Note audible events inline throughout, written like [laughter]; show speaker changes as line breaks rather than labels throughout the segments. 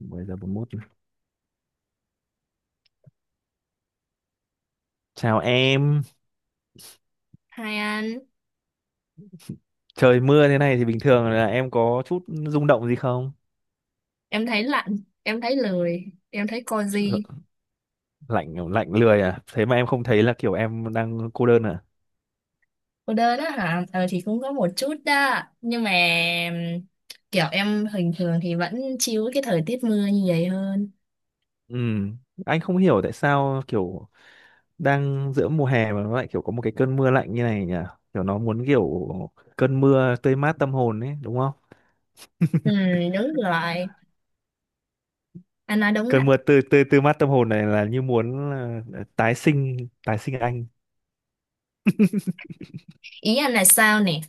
10 giờ 41 rồi. Chào em,
Hai anh,
trời mưa thế này thì bình thường là em có chút rung động gì không?
em thấy lạnh, em thấy lười, em thấy cozy.
L- Lạnh lạnh lười à? Thế mà em không thấy là kiểu em đang cô đơn à?
Cô đơn á hả? Ờ thì cũng có một chút đó. Nhưng mà ừm, kiểu em bình thường thì vẫn chill cái thời tiết mưa như vậy hơn.
Ừ, anh không hiểu tại sao kiểu đang giữa mùa hè mà nó lại kiểu có một cái cơn mưa lạnh như này nhỉ? Kiểu nó muốn kiểu cơn mưa tươi mát tâm hồn ấy, đúng không?
Ừ, đúng rồi. Anh nói đúng
Cơn
á.
mưa tươi tươi tươi mát tâm hồn này là như muốn là tái sinh, tái sinh anh.
Ý anh là sao nè?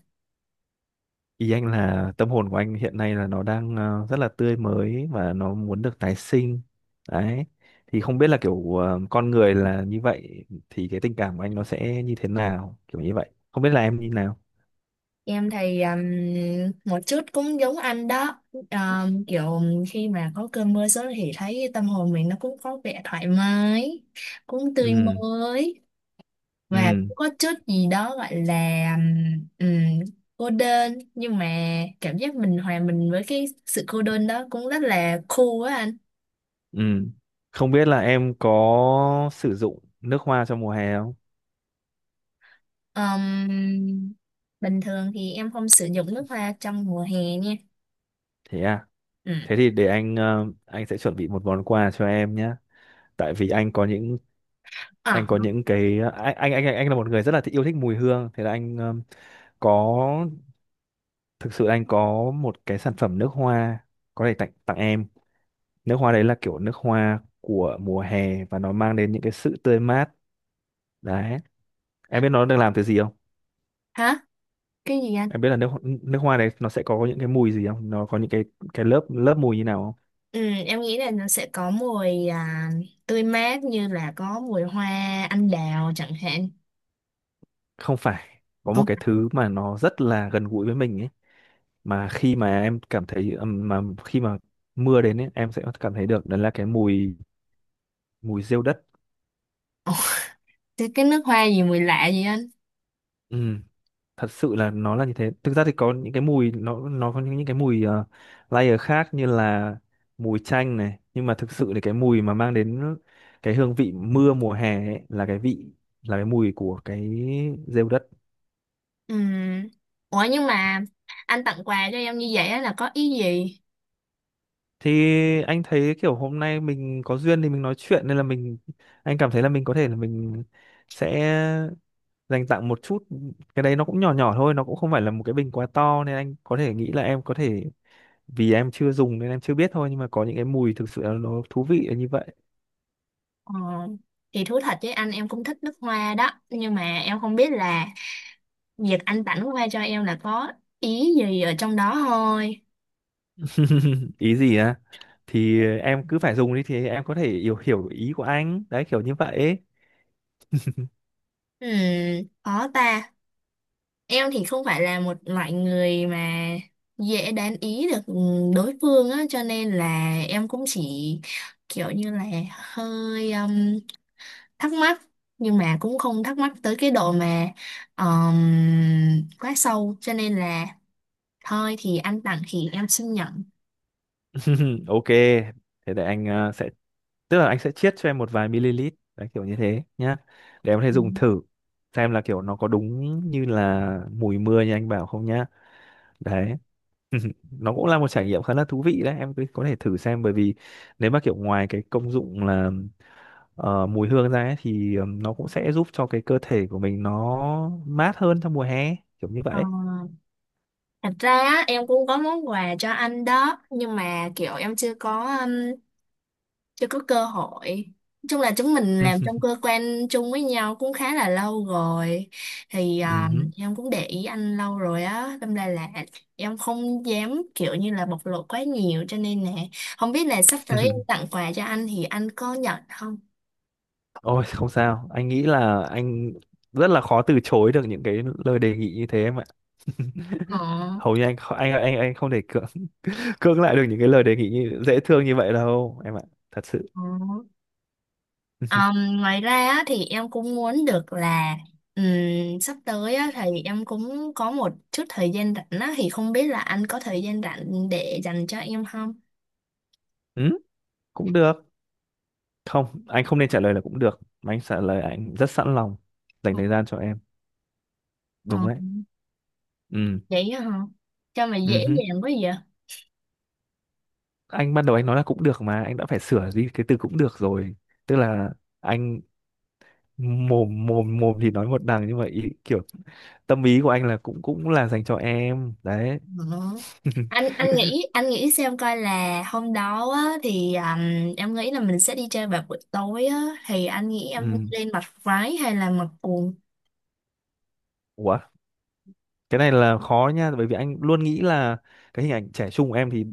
Ý anh là tâm hồn của anh hiện nay là nó đang rất là tươi mới và nó muốn được tái sinh. Đấy. Thì không biết là kiểu ờ, con người là như vậy thì cái tình cảm của anh nó sẽ như thế nào, kiểu như vậy. Không biết là em như nào.
Em thì một chút cũng giống anh đó. Kiểu khi mà có cơn mưa xuống thì thấy tâm hồn mình nó cũng có vẻ thoải mái, cũng tươi
Ừ,
mới. Và
ừ,
cũng có chút gì đó gọi là ừm, cô đơn nhưng mà cảm giác mình hòa mình với cái sự cô đơn đó cũng rất là cool á anh.
ừ. Không biết là em có sử dụng nước hoa trong mùa hè không?
Ừm, Bình thường thì em không sử dụng nước hoa trong mùa hè nha.
Thế à.
Ừ.
Thế thì để anh anh sẽ chuẩn bị một món quà cho em nhé. Tại vì anh
À,
có những cái anh anh là một người rất là yêu thích mùi hương, thế là anh có, thực sự anh có một cái sản phẩm nước hoa, có thể tặng tặng em. Nước hoa đấy là kiểu nước hoa của mùa hè và nó mang đến những cái sự tươi mát đấy. Em biết nó được làm từ gì không?
hả? Cái gì anh?
Em biết là nước nước hoa đấy nó sẽ có những cái mùi gì không, nó có những cái lớp lớp mùi như nào không?
Ừ, em nghĩ là nó sẽ có mùi tươi mát như là có mùi hoa anh đào chẳng hạn.
Không phải, có một
Không.
cái thứ mà nó rất là gần gũi với mình ấy, mà khi mà em cảm thấy mà khi mà mưa đến ấy, em sẽ cảm thấy được đó là cái mùi mùi rêu đất.
Ồ, thế cái nước hoa gì mùi lạ vậy anh?
Ừm, Thật sự là nó là như thế. Thực ra thì có những cái mùi, nó có những cái mùi layer khác như là mùi chanh này, nhưng mà thực sự thì cái mùi mà mang đến cái hương vị mưa mùa hè ấy, là cái vị, là cái mùi của cái rêu đất.
Ừ. Ủa nhưng mà anh tặng quà cho em như vậy á là có ý gì?
Thì anh thấy kiểu hôm nay mình có duyên thì mình nói chuyện, nên là mình, anh cảm thấy là mình có thể là mình sẽ dành tặng một chút. Cái đấy nó cũng nhỏ nhỏ thôi, nó cũng không phải là một cái bình quá to nên anh có thể nghĩ là em có thể, vì em chưa dùng nên em chưa biết thôi, nhưng mà có những cái mùi thực sự là nó thú vị là như vậy.
Ờ, thì thú thật với anh em cũng thích nước hoa đó nhưng mà em không biết là việc anh tặng nước hoa cho em là có ý gì ở trong đó thôi.
[laughs] Ý gì á? Thì em cứ phải dùng đi thì em có thể hiểu hiểu ý của anh đấy, kiểu như vậy ấy.
Ừ, khó ta. Em thì không phải là một loại người mà dễ đoán ý được đối phương á cho nên là em cũng chỉ kiểu như là hơi thắc mắc nhưng mà cũng không thắc mắc tới cái độ mà quá sâu cho nên là thôi thì anh tặng thì em xin nhận.
[laughs] Ok, thế để anh sẽ, tức là anh sẽ chiết cho em một vài ml, đấy kiểu như thế nhá, để em có thể
Ừ.
dùng thử xem là kiểu nó có đúng như là mùi mưa như anh bảo không nhá. Đấy. [laughs] Nó cũng là một trải nghiệm khá là thú vị đấy, em cứ có thể thử xem, bởi vì nếu mà kiểu ngoài cái công dụng là mùi hương ra ấy, thì nó cũng sẽ giúp cho cái cơ thể của mình nó mát hơn trong mùa hè, kiểu như
Ờ,
vậy.
thật ra á, em cũng có món quà cho anh đó nhưng mà kiểu em chưa có chưa có cơ hội. Nói chung là chúng mình làm
Ừ,
trong cơ quan chung với nhau cũng khá là lâu rồi thì
ừ.
em cũng để ý anh lâu rồi á, đâm ra là em không dám kiểu như là bộc lộ quá nhiều cho nên nè, không biết là sắp tới em
[laughs]
tặng quà cho anh thì anh có nhận không?
Ôi không sao, anh nghĩ là anh rất là khó từ chối được những cái lời đề nghị như thế em ạ.
Ờ,
[laughs] Hầu như anh không thể cưỡng, [laughs] cưỡng lại được những cái lời đề nghị như, dễ thương như vậy đâu em ạ, thật sự.
ờ.
[laughs]
Ngoài ra á, thì em cũng muốn được là sắp tới á, thì em cũng có một chút thời gian rảnh á, thì không biết là anh có thời gian rảnh để dành cho em không?
ừ, cũng được. Không, anh không nên trả lời là cũng được. Mà anh trả lời anh rất sẵn lòng dành thời gian cho em.
Ờ.
Đúng đấy. Ừ.
Vậy á hả? Sao mà
Ừ
dễ
hứ.
dàng quá vậy?
Anh ban đầu anh nói là cũng được mà anh đã phải sửa đi cái từ cũng được rồi. Tức là anh, mồm mồm mồm thì nói một đằng nhưng mà ý, kiểu tâm ý của anh là cũng cũng là dành cho em đấy.
Ờ. anh
[laughs]
anh nghĩ, anh nghĩ xem coi là hôm đó á, thì em nghĩ là mình sẽ đi chơi vào buổi tối á, thì anh nghĩ em
Ừ.
lên mặc váy hay là mặc quần?
Ủa, cái này là khó nha, bởi vì anh luôn nghĩ là cái hình ảnh trẻ trung của em thì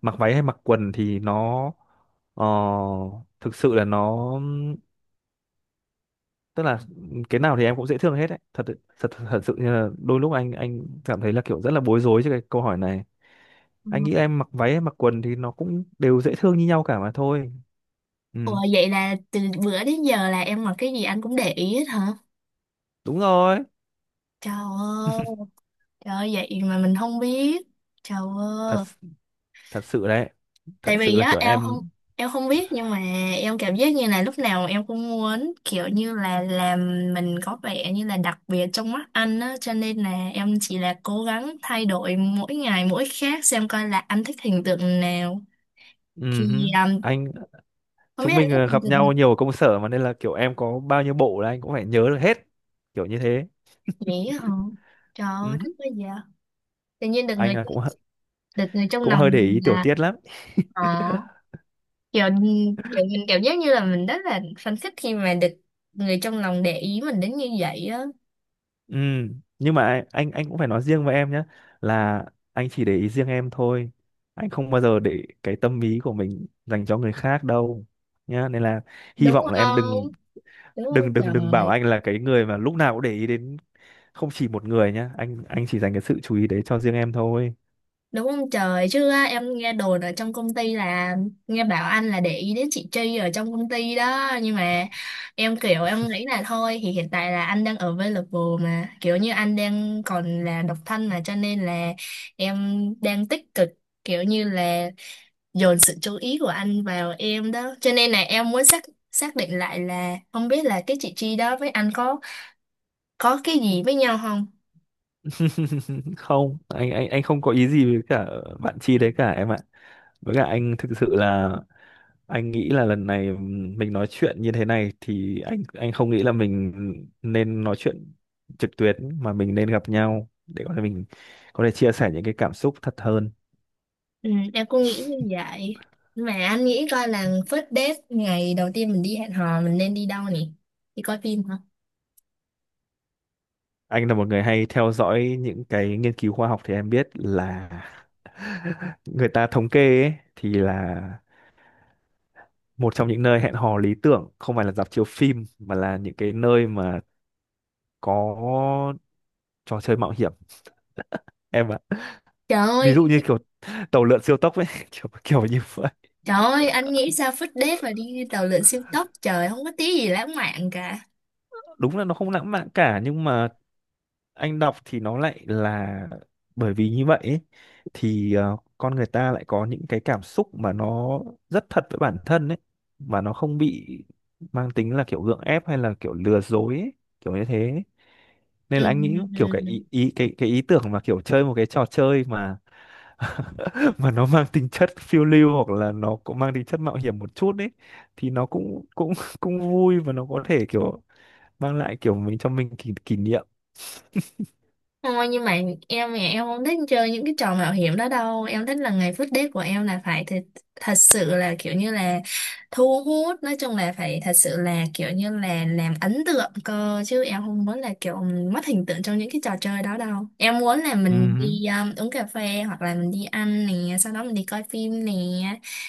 mặc váy hay mặc quần thì nó ờ, thực sự là nó, tức là cái nào thì em cũng dễ thương hết đấy, thật, thật sự như là đôi lúc anh cảm thấy là kiểu rất là bối rối trước cái câu hỏi này.
Ừ.
Anh nghĩ em mặc váy em mặc quần thì nó cũng đều dễ thương như nhau cả mà thôi. Ừ,
Ủa vậy là từ bữa đến giờ là em mặc cái gì anh cũng để ý hết hả?
đúng rồi.
Trời ơi, trời ơi, vậy mà mình không biết. Trời
Thật,
ơi,
thật sự đấy, thật
tại
sự
vì
là
á
kiểu
em không,
em.
em không biết nhưng mà em cảm giác như là lúc nào em cũng muốn kiểu như là làm mình có vẻ như là đặc biệt trong mắt anh á cho nên là em chỉ là cố gắng thay đổi mỗi ngày mỗi khác xem coi là anh thích hình tượng nào thì
Ừ hứ.
um,
Anh,
không biết
chúng
anh
mình
thích hình
gặp
tượng này.
nhau nhiều ở công sở mà nên là kiểu em có bao nhiêu bộ là anh cũng phải nhớ được hết, kiểu như thế.
Dễ hả? Trời
Ừ
ơi
hứ.
thích quá vậy! Tự nhiên được
Anh
người,
là cũng
được người trong
cũng
lòng
hơi để
mình
ý tiểu
là
tiết lắm.
ờ, kiểu kiểu mình cảm giác như là mình rất là phấn khích khi mà được người trong lòng để ý mình đến như vậy á.
Ừ, nhưng mà anh cũng phải nói riêng với em nhé, là anh chỉ để ý riêng em thôi. Anh không bao giờ để cái tâm ý của mình dành cho người khác đâu nhá. Nên là hy
Đúng
vọng là em
không?
đừng,
Đúng không
đừng bảo
trời?
anh là cái người mà lúc nào cũng để ý đến không chỉ một người nhá. Anh chỉ dành cái sự chú ý đấy cho riêng em thôi.
Đúng không trời? Chứ á, em nghe đồn ở trong công ty là nghe bảo anh là để ý đến chị Tri ở trong công ty đó nhưng mà em kiểu em nghĩ là thôi thì hiện tại là anh đang available mà kiểu như anh đang còn là độc thân mà cho nên là em đang tích cực kiểu như là dồn sự chú ý của anh vào em đó cho nên là em muốn xác, xác định lại là không biết là cái chị Tri đó với anh có cái gì với nhau không.
[laughs] Không, anh không có ý gì với cả bạn Chi đấy cả em ạ. Với cả anh thực sự là anh nghĩ là lần này mình nói chuyện như thế này thì anh không nghĩ là mình nên nói chuyện trực tuyến, mà mình nên gặp nhau để có thể mình có thể chia sẻ những cái cảm xúc thật hơn.
Ừ, em cũng nghĩ như vậy. Mà anh nghĩ coi là first date ngày đầu tiên mình đi hẹn hò mình nên đi đâu nhỉ? Đi coi phim hả?
Anh là một người hay theo dõi những cái nghiên cứu khoa học thì em biết là [laughs] người ta thống kê ấy, thì là một trong những nơi hẹn hò lý tưởng không phải là rạp chiếu phim mà là những cái nơi mà có trò chơi mạo hiểm em ạ.
Trời
Ví
ơi,
dụ như kiểu tàu lượn siêu tốc ấy, [laughs] kiểu kiểu như vậy.
trời ơi, anh nghĩ sao first date mà đi tàu lượn siêu tốc? Trời, không có tí gì lãng mạn cả.
Đúng là nó không lãng mạn cả, nhưng mà anh đọc thì nó lại là, bởi vì như vậy ấy, thì con người ta lại có những cái cảm xúc mà nó rất thật với bản thân ấy, mà nó không bị mang tính là kiểu gượng ép hay là kiểu lừa dối ấy, kiểu như thế ấy. Nên
Ừ.
là anh nghĩ kiểu
Ừ,
cái
ừ.
ý, ý cái ý tưởng mà kiểu chơi một cái trò chơi mà [laughs] mà nó mang tính chất phiêu lưu hoặc là nó cũng mang tính chất mạo hiểm một chút ấy thì nó cũng cũng [laughs] cũng vui và nó có thể kiểu mang lại kiểu mình, cho mình kỷ, kỷ niệm.
Thôi nhưng mà em thì em không thích chơi những cái trò mạo hiểm đó đâu. Em thích là ngày first date của em là phải thật, thật sự là kiểu như là thu hút. Nói chung là phải thật sự là kiểu như là làm ấn tượng cơ. Chứ em không muốn là kiểu mất hình tượng trong những cái trò chơi đó đâu. Em muốn là mình
ừ
đi uống cà phê hoặc là mình đi ăn nè. Sau đó mình đi coi phim nè.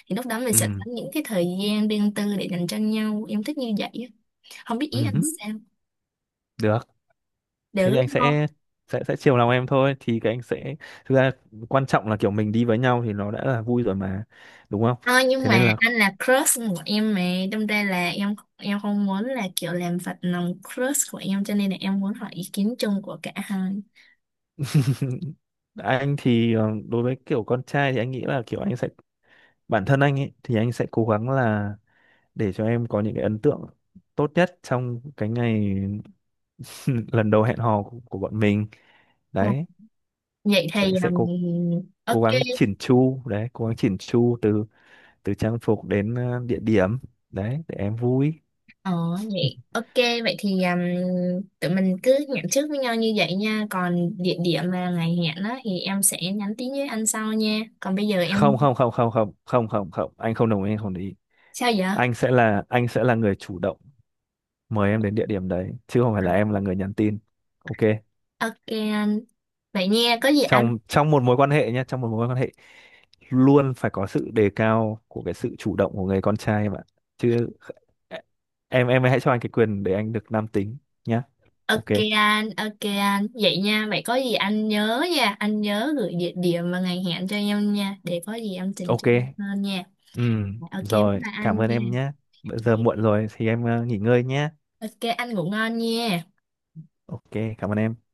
Thì lúc đó mình sẽ có
ừ
những cái thời gian riêng tư để dành cho nhau. Em thích như vậy á. Không biết ý anh
ừ
sao?
được. Thế
Được
thì anh
không?
sẽ, sẽ chiều lòng em thôi, thì cái anh sẽ, thực ra quan trọng là kiểu mình đi với nhau thì nó đã là vui rồi mà, đúng không?
Ờ, nhưng
Thế
mà
nên là
anh là crush của em mà, đâm ra là em không muốn là kiểu làm phật lòng crush của em cho nên là em muốn hỏi ý kiến chung của cả hai.
[laughs] anh thì đối với kiểu con trai thì anh nghĩ là kiểu anh sẽ, bản thân anh ấy thì anh sẽ cố gắng là để cho em có những cái ấn tượng tốt nhất trong cái ngày [laughs] lần đầu hẹn hò của bọn mình
Ờ,
đấy,
vậy thì
sẽ cố
um, ok.
cố gắng chỉn chu đấy, cố gắng chỉn chu từ, từ trang phục đến địa điểm đấy để em vui.
Ờ vậy ok, vậy thì tụi mình cứ hẹn trước với nhau như vậy nha, còn địa điểm và ngày hẹn đó thì em sẽ nhắn tin với anh sau nha, còn bây giờ
không
em
không không không không không không không anh không đồng ý, anh không đồng ý.
sao vậy?
Anh sẽ là, anh sẽ là người chủ động mời em đến địa điểm đấy chứ không phải
Ờ,
là em là người nhắn tin. Ok.
ok anh, vậy nha có gì anh.
Trong trong một mối quan hệ nhé, trong một mối quan hệ luôn phải có sự đề cao của cái sự chủ động của người con trai em ạ, chứ em hãy cho anh cái quyền để anh được nam tính nhá. Ok.
Ok anh, ok anh. Vậy nha, vậy có gì anh nhớ nha, anh nhớ gửi địa điểm và ngày hẹn cho em nha, để có gì em chỉnh
Ok.
chu hơn nha.
Ừ,
Ok, bye
rồi
bye
cảm
anh
ơn
nha.
em nhé, bây giờ
Ok,
muộn rồi thì em nghỉ ngơi nhé.
ok, anh ngủ ngon nha.
Ok, cảm ơn em.